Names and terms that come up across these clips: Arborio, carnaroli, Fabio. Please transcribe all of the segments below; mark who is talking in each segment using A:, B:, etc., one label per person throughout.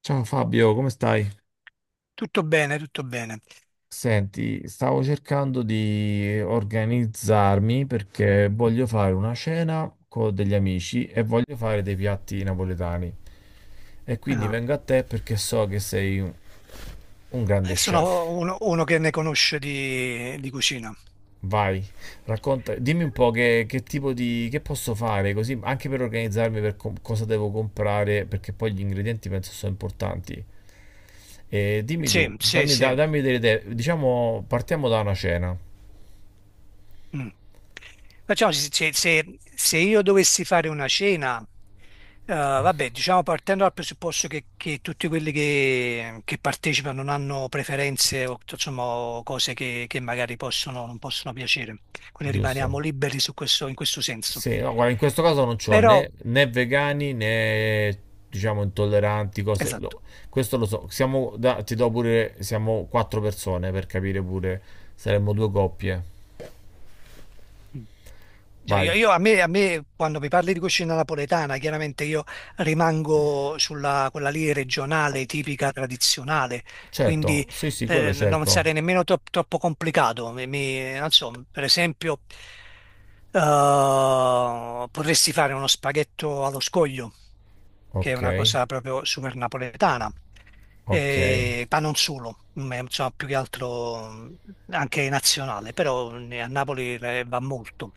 A: Ciao Fabio, come stai?
B: Tutto bene, tutto bene.
A: Senti, stavo cercando di organizzarmi perché voglio fare una cena con degli amici e voglio fare dei piatti napoletani. E quindi
B: Ah,
A: vengo a te perché so che sei un grande
B: sono
A: chef.
B: uno che ne conosce di cucina.
A: Vai, racconta, dimmi un po' che tipo di, che posso fare, così anche per organizzarmi per cosa devo comprare, perché poi gli ingredienti penso sono importanti. E dimmi tu,
B: Sì, sì, sì.
A: dammi delle idee. Diciamo, partiamo da una cena,
B: Mm. Facciamoci, se, se- se io dovessi fare una cena, vabbè, diciamo partendo dal presupposto che tutti quelli che partecipano non hanno preferenze o insomma o cose che magari possono, non possono piacere, quindi rimaniamo
A: giusto?
B: liberi su questo, in questo senso.
A: Sì, no, guarda, in questo caso non c'ho
B: Però,
A: né vegani né, diciamo, intolleranti, cose.
B: esatto.
A: Questo lo so. Siamo, ti do pure, siamo quattro persone per capire pure, saremmo due coppie.
B: Mm. Cioè,
A: Vai.
B: a me, quando mi parli di cucina napoletana, chiaramente io rimango sulla quella lì regionale, tipica, tradizionale,
A: Certo,
B: quindi
A: sì, sì, quello
B: non
A: cerco.
B: sarei nemmeno troppo complicato. Non so, per esempio, potresti fare uno spaghetto allo scoglio, che è
A: Ok,
B: una cosa proprio super napoletana.
A: ok,
B: Ma non solo, è, insomma, più che altro, anche nazionale. Però a Napoli va molto,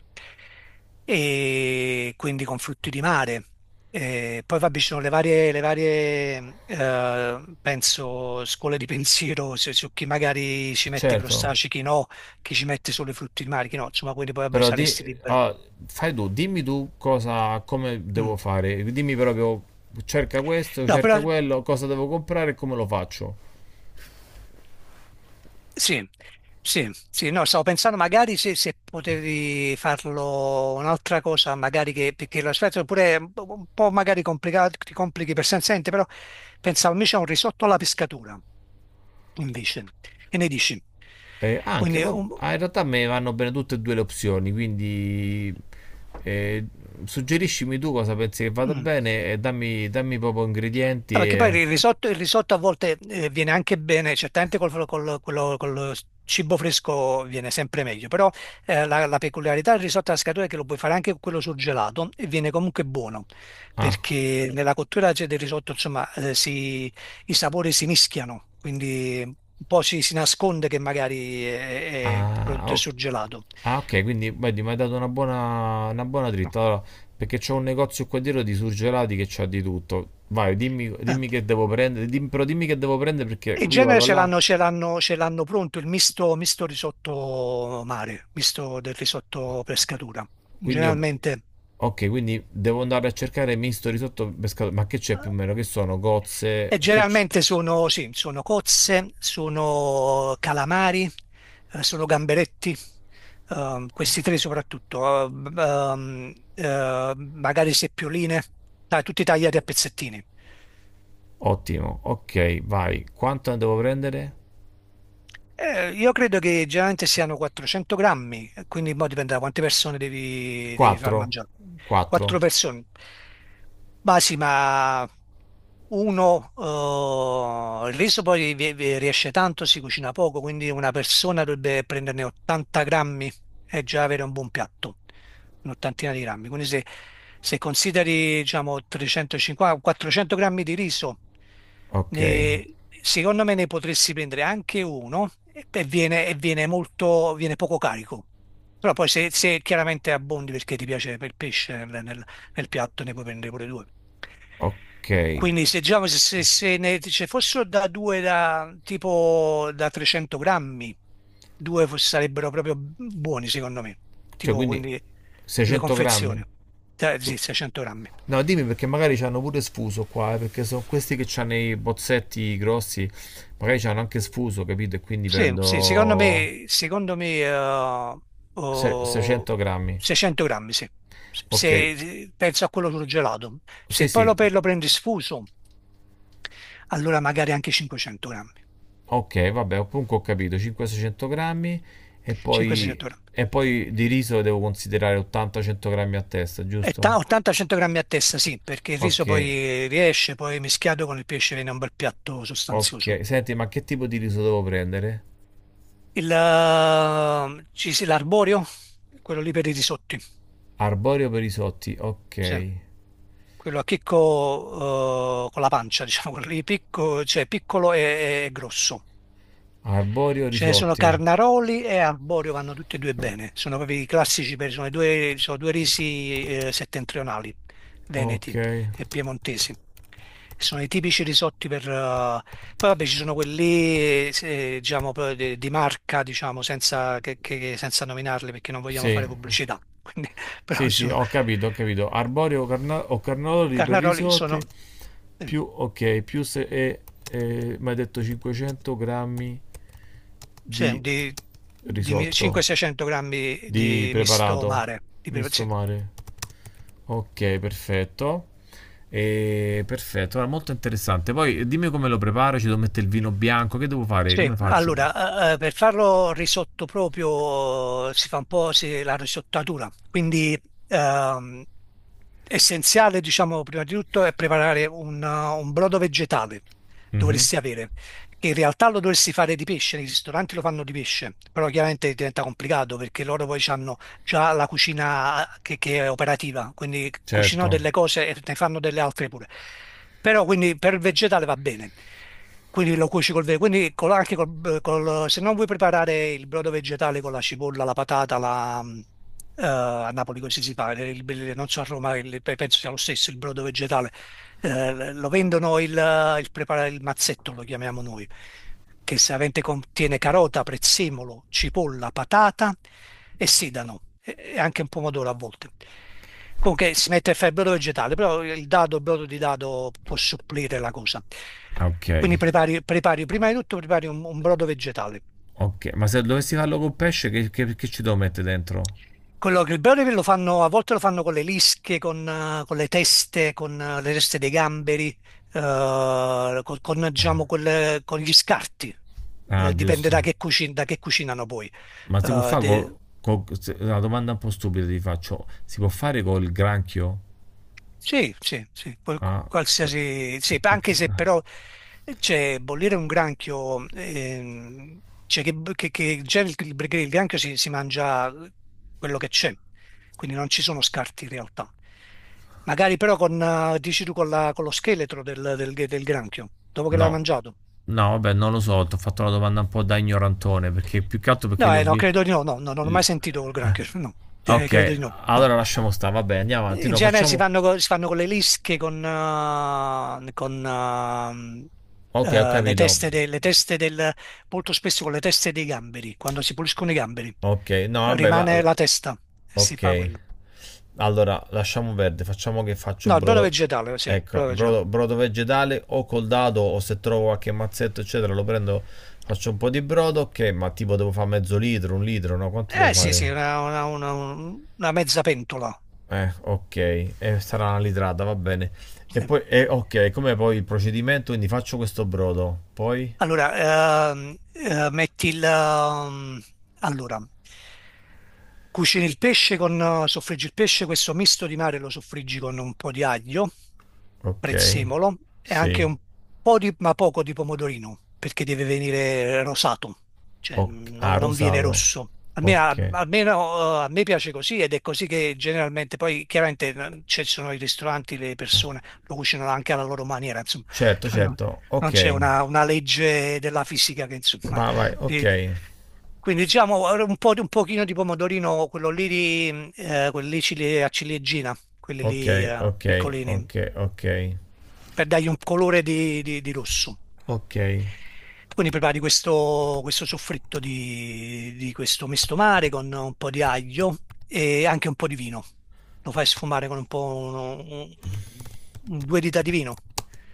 B: e quindi con frutti di mare. Poi vabbè, ci sono le varie, penso, scuole di pensiero su, chi magari ci mette i
A: certo.
B: crostacei, chi no, chi ci mette solo i frutti di mare, chi no, insomma, quindi poi vabbè,
A: Però di,
B: saresti libero.
A: ah, Fai tu, dimmi tu cosa, come devo
B: Mm.
A: fare. Dimmi proprio, cerca questo,
B: No,
A: cerca
B: però
A: quello, cosa devo comprare e come lo faccio.
B: sì, sì, sì, no, stavo pensando magari se potevi farlo un'altra cosa, magari che, perché l'aspetto oppure un po' magari complicato, ti complichi per sensente, però pensavo invece a un risotto alla pescatura, invece, che ne dici? Quindi, un-
A: In realtà me vanno bene tutte e due le opzioni, quindi eh, suggeriscimi tu cosa pensi che vada
B: mm.
A: bene e dammi, dammi proprio ingredienti
B: No, perché poi
A: e...
B: il risotto, a volte viene anche bene, certamente, col cibo fresco viene sempre meglio. Però la, peculiarità del risotto alla scatola è che lo puoi fare anche con quello surgelato e viene comunque buono,
A: Ah.
B: perché nella cottura c'è del risotto, insomma, i sapori si mischiano, quindi un po' ci si nasconde che magari, il
A: Ah,
B: prodotto è
A: o-
B: surgelato.
A: ah, ok, quindi vedi, mi hai dato una buona
B: No.
A: dritta. Allora, perché c'ho un negozio qua dietro di surgelati che c'ha di tutto. Vai, dimmi,
B: Ah.
A: dimmi che devo prendere, dim- però dimmi che devo prendere perché
B: In
A: io
B: genere
A: vado là.
B: ce l'hanno pronto il misto, misto risotto mare, misto del risotto pescatura.
A: Quindi io-
B: Generalmente,
A: Ok, quindi devo andare a cercare misto risotto pescato. Ma che c'è più o meno? Che sono? Gozze?
B: e
A: Che c-
B: generalmente sono, sì, sono cozze, sono calamari, sono gamberetti, questi tre soprattutto, magari seppioline, dai, tutti tagliati a pezzettini.
A: Ottimo, ok, vai. Quanto ne devo prendere?
B: Io credo che generalmente siano 400 grammi, quindi mo dipende da quante persone devi far
A: 4?
B: mangiare. Quattro
A: 4?
B: persone. Ma sì, ma uno, il riso poi vi riesce tanto, si cucina poco, quindi una persona dovrebbe prenderne 80 grammi, è già avere un buon piatto, un'ottantina di grammi. Quindi se consideri, diciamo, 350, 400 grammi di riso,
A: Ok,
B: ne- secondo me ne potresti prendere anche uno, e viene, e viene molto, viene poco carico. Però poi se chiaramente abbondi perché ti piace il pesce nel piatto, ne puoi prendere pure due.
A: ok.
B: Quindi se, diciamo, se ne ce fossero da due da tipo da 300 grammi. Sarebbero proprio buoni, secondo me.
A: Cioè,
B: Tipo,
A: quindi
B: quindi due
A: 600 grammi?
B: confezioni. Sì,
A: Tu-
B: 600 grammi.
A: No, dimmi perché magari ci hanno pure sfuso qua, perché sono questi che hanno i bozzetti grossi, magari ci hanno anche sfuso, capito? E quindi
B: Sì, sì, secondo
A: prendo
B: me, secondo me oh,
A: 600 grammi.
B: 600 grammi, sì.
A: Ok,
B: Se, Penso a quello surgelato.
A: sì,
B: Se poi
A: sì,
B: lo prendi sfuso, allora magari anche 500 grammi.
A: ok, vabbè, comunque ho capito, 500-600 grammi e poi,
B: 500-600 grammi.
A: e poi di riso devo considerare 80-100 grammi a testa, giusto?
B: 80-100 grammi a testa, sì, perché il riso
A: Ok,
B: poi riesce, poi mischiato con il pesce viene un bel piatto sostanzioso.
A: ok. Senti, ma che tipo di riso devo prendere?
B: L'arborio, quello lì per i risotti,
A: Arborio per risotti,
B: sì.
A: ok.
B: Quello a chicco, con la pancia, diciamo, quello lì picco, cioè piccolo e grosso.
A: Arborio
B: Ce ne sono
A: risotti,
B: Carnaroli e Arborio, vanno tutti e due bene. Sono proprio i classici, i due, sono due risi settentrionali,
A: ok.
B: veneti e piemontesi. Sono i tipici risotti per. Poi vabbè ci sono quelli, diciamo, proprio di marca, diciamo, senza, senza nominarli perché non vogliamo
A: Sì,
B: fare pubblicità. Quindi, però
A: sì,
B: ci
A: sì,
B: sono.
A: ho capito, ho capito. Arborio o, o carnaroli per
B: Carnaroli
A: risotti,
B: sono eh,
A: più, ok, più se... mi hai detto 500 grammi
B: sì,
A: di
B: di
A: risotto,
B: 500-600 grammi
A: di
B: di misto
A: preparato,
B: mare, di,
A: misto
B: sì.
A: mare. Ok, perfetto. E, perfetto, guarda, molto interessante. Poi dimmi come lo preparo, ci devo mettere il vino bianco, che devo fare?
B: Sì,
A: Come faccio?
B: allora, per farlo risotto proprio si fa un po' la risottatura, quindi ehm, essenziale, diciamo, prima di tutto è preparare un brodo vegetale,
A: Mhm,
B: dovresti avere, che in realtà lo dovresti fare di pesce. Nei ristoranti lo fanno di pesce, però chiaramente diventa complicato perché loro poi hanno già la cucina che è operativa, quindi cucinano
A: certo.
B: delle cose e ne fanno delle altre pure. Però quindi per il vegetale va bene, quindi lo cuoci col verde, quindi anche se non vuoi preparare il brodo vegetale con la cipolla, la patata, a Napoli così si fa. Non so a Roma, penso sia lo stesso il brodo vegetale. Lo vendono il mazzetto, lo chiamiamo noi, che solitamente contiene carota, prezzemolo, cipolla, patata e sedano e anche un pomodoro a volte. Comunque si mette a fare il brodo vegetale, però il dado, il brodo di dado può supplire la cosa.
A: Ah, ok,
B: Quindi prepari, prepari prima di tutto prepari un brodo vegetale.
A: ok. Ma se dovessi farlo con pesce, che ci devo mettere dentro?
B: Quello che il Brawl lo fanno, a volte lo fanno con le lische, con le teste dei gamberi, con, diciamo,
A: Ah,
B: con gli scarti.
A: ah,
B: Dipende da
A: giusto.
B: da che cucinano poi.
A: Ma si può
B: Eh,
A: fare
B: de-
A: con... una domanda un po' stupida ti faccio. Si può fare col granchio?
B: Sì, sì, sì,
A: Ah, per-
B: qualsiasi, sì, anche
A: perché...
B: se però c'è bollire un granchio, cioè che già perché il granchio si mangia quello che c'è, quindi non ci sono scarti in realtà. Magari però con, dici tu, con, con lo scheletro del granchio, dopo che l'hai
A: No.
B: mangiato.
A: No, vabbè, non lo so, ti ho fatto una domanda un po' da ignorantone, perché più che altro perché
B: No,
A: le ho...
B: no, credo di no, no, no, non ho mai
A: le-
B: sentito col
A: eh,
B: granchio, no. Credo
A: Ok,
B: di no, no.
A: allora lasciamo stare, vabbè, andiamo avanti,
B: In
A: no,
B: genere
A: facciamo...
B: si fanno con le lische,
A: Ok, ho
B: le
A: capito.
B: teste, le teste del, molto spesso con le teste dei gamberi, quando si puliscono i gamberi,
A: Ok, no, vabbè,
B: rimane
A: la,
B: la testa e si
A: Ok.
B: fa quello.
A: Allora, lasciamo verde, facciamo che faccio il
B: No, il brodo
A: brodo...
B: vegetale, sì, il
A: Ecco,
B: brodo vegetale.
A: brodo, brodo vegetale o col dado o se trovo qualche mazzetto, eccetera, lo prendo, faccio un po' di brodo, ok, ma tipo devo fare mezzo litro, un litro, no? Quanto devo
B: Eh sì, sì,
A: fare?
B: una mezza pentola.
A: Ok, sarà una litrata, va bene. E
B: Sì.
A: poi, ok, come poi il procedimento? Quindi faccio questo brodo, poi,
B: Allora, metti il. Allora, cucini il pesce con. Soffriggi il pesce, questo misto di mare lo soffriggi con un po' di aglio,
A: ok,
B: prezzemolo e anche
A: sì,
B: un po' di, ma poco di pomodorino, perché deve venire rosato, cioè
A: ok, ah,
B: non viene
A: rosato,
B: rosso. A me,
A: ok,
B: almeno, a me piace così ed è così che generalmente, poi chiaramente ci sono i ristoranti, le persone lo cucinano anche alla loro maniera, insomma.
A: certo, certo,
B: Non c'è
A: ok,
B: una legge della fisica che insomma.
A: va, vai, ok.
B: ti- quindi diciamo un po' di un pochino di pomodorino, quello lì, a ciliegina, quelli
A: Ok,
B: lì
A: ok,
B: piccolini,
A: ok, ok.
B: per dargli un colore di rosso.
A: Ok,
B: Quindi prepari questo soffritto di questo misto mare con un po' di aglio e anche un po' di vino. Lo fai sfumare con un po' due dita di vino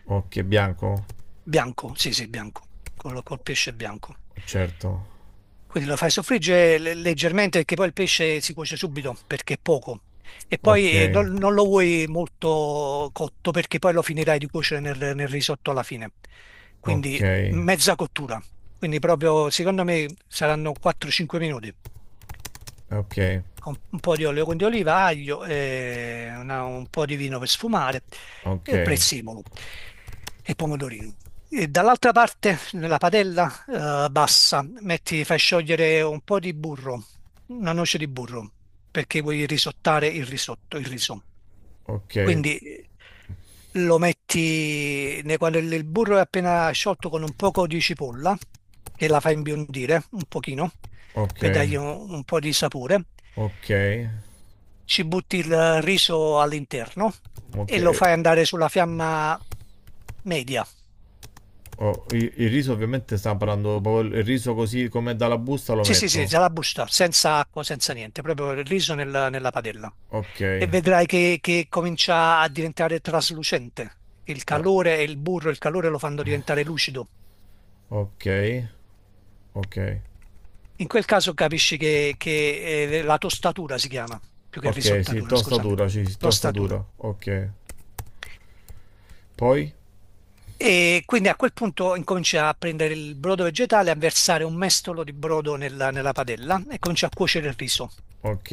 A: ok, bianco?
B: bianco, sì sì bianco, col pesce bianco.
A: Certo.
B: Quindi lo fai soffriggere leggermente perché poi il pesce si cuoce subito perché è poco. E
A: Ok,
B: poi non lo vuoi molto cotto perché poi lo finirai di cuocere nel risotto alla fine.
A: ok, ok,
B: Quindi mezza cottura. Quindi proprio, secondo me, saranno 4-5 minuti.
A: ok,
B: Un po' di olio di oliva, aglio, e un po' di vino per sfumare,
A: ok,
B: e prezzemolo e pomodorino. E dall'altra parte, nella padella bassa, metti, fai sciogliere un po' di burro, una noce di burro, perché vuoi risottare il risotto, il riso. Quindi lo metti quando il burro è appena sciolto con un poco di cipolla, che la fa imbiondire un pochino,
A: ok,
B: per dargli un po' di sapore.
A: ok,
B: Ci butti il riso all'interno
A: ok.
B: e lo fai andare sulla fiamma media.
A: Oh, il riso ovviamente sta parlando proprio il riso così come dalla busta lo
B: Sì, sì, sì,
A: metto.
B: la busta, senza acqua, senza niente, proprio il riso nella padella.
A: Ok,
B: E vedrai che comincia a diventare traslucente. Il
A: ah,
B: calore e il burro, il calore lo fanno diventare lucido.
A: ok, ok,
B: In quel caso capisci, la tostatura si chiama, più che
A: ok, sì,
B: risottatura, scusami,
A: tostatura, sì, sì,
B: tostatura.
A: tostatura, ok. Poi?
B: E quindi a quel punto incomincia a prendere il brodo vegetale, a versare un mestolo di brodo nella padella e comincia a cuocere il riso.
A: Ok,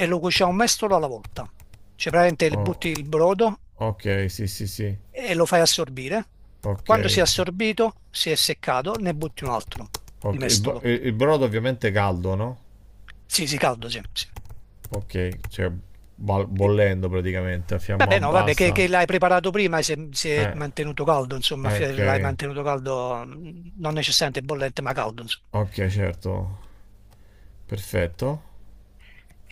B: E lo cuoce un mestolo alla volta. Cioè praticamente le
A: oh,
B: butti il brodo
A: ok, sì, sì, sì.
B: e lo fai assorbire.
A: Ok,
B: Quando si è assorbito, si è seccato, ne butti un altro di
A: ok. Il,
B: mestolo.
A: il brodo ovviamente è caldo, no?
B: Sì, sì, caldo, sì. Sì.
A: Ok, cioè
B: Eh,
A: bollendo praticamente, a fiamma
B: Vabbè, no, vabbè,
A: bassa.
B: che l'hai preparato prima e si è
A: Eh,
B: mantenuto caldo, insomma, l'hai
A: ok,
B: mantenuto caldo, non necessariamente bollente, ma caldo, insomma.
A: ok, certo. Perfetto.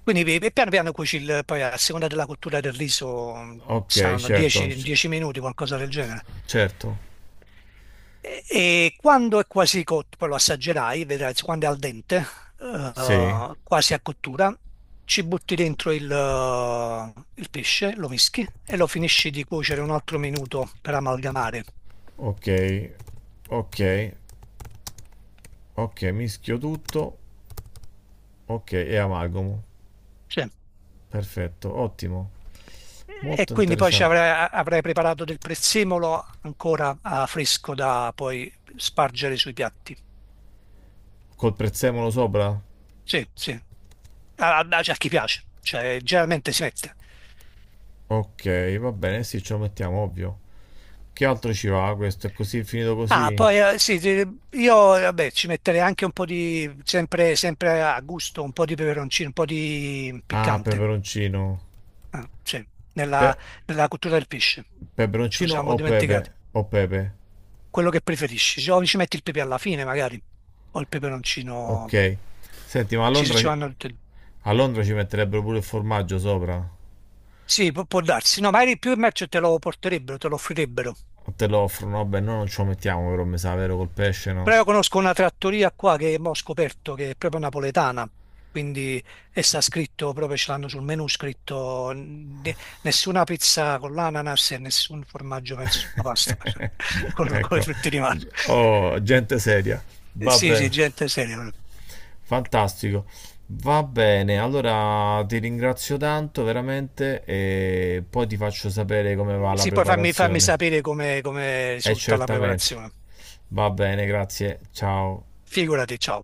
B: Quindi piano piano cuoci poi a seconda della cottura del riso,
A: Ok,
B: saranno
A: certo,
B: 10 minuti, qualcosa del genere.
A: certo.
B: E quando è quasi cotto, poi lo assaggerai, vedrai quando è al dente,
A: Sì,
B: quasi a cottura, ci butti dentro il pesce, lo mischi e lo finisci di cuocere un altro minuto per amalgamare.
A: ok, ok, ok, mischio tutto. Ok, e amalgamo.
B: Sì.
A: Perfetto, ottimo.
B: E
A: Molto
B: quindi poi ci
A: interessante.
B: avrai, avrai preparato del prezzemolo ancora fresco da poi spargere sui piatti.
A: Col prezzemolo sopra?
B: Sì, sì. A, a chi piace, cioè, generalmente si mette.
A: Ok, va bene, sì, ce lo mettiamo, ovvio. Che altro ci va questo? È così, è finito
B: Ah,
A: così?
B: poi sì, sì, io vabbè, ci metterei anche un po' di, sempre a gusto, un po' di peperoncino, un po' di
A: Ah,
B: piccante.
A: peperoncino.
B: Ah, sì, nella,
A: Pe-
B: nella cottura del pesce, ce lo
A: Peperoncino
B: siamo
A: o pepe?
B: dimenticati.
A: O pepe.
B: Quello che preferisci, o ci metti il pepe alla fine magari, o il peperoncino,
A: Ok. Senti, ma a
B: ci,
A: Londra,
B: ci vanno tutte e due.
A: a Londra ci metterebbero pure il formaggio sopra?
B: Sì, può darsi, no, magari più in merce te lo porterebbero, te lo offrirebbero.
A: O te lo offrono? Vabbè, noi non ce lo mettiamo però, mi sa, vero, col pesce no?
B: Però io conosco una trattoria qua che mo ho scoperto che è proprio napoletana, quindi e sta scritto, proprio ce l'hanno sul menù scritto nessuna pizza con l'ananas e nessun formaggio, penso, sulla pasta, con, le
A: Ecco.
B: frutte di mare.
A: Oh, gente seria.
B: Sì, sì,
A: Vabbè.
B: gente seria.
A: Fantastico. Va bene, allora ti ringrazio tanto veramente e poi ti faccio sapere come va la
B: Sì, poi fammi
A: preparazione.
B: sapere come
A: E
B: risulta la
A: certamente.
B: preparazione.
A: Va bene, grazie. Ciao.
B: Figurati, ciao.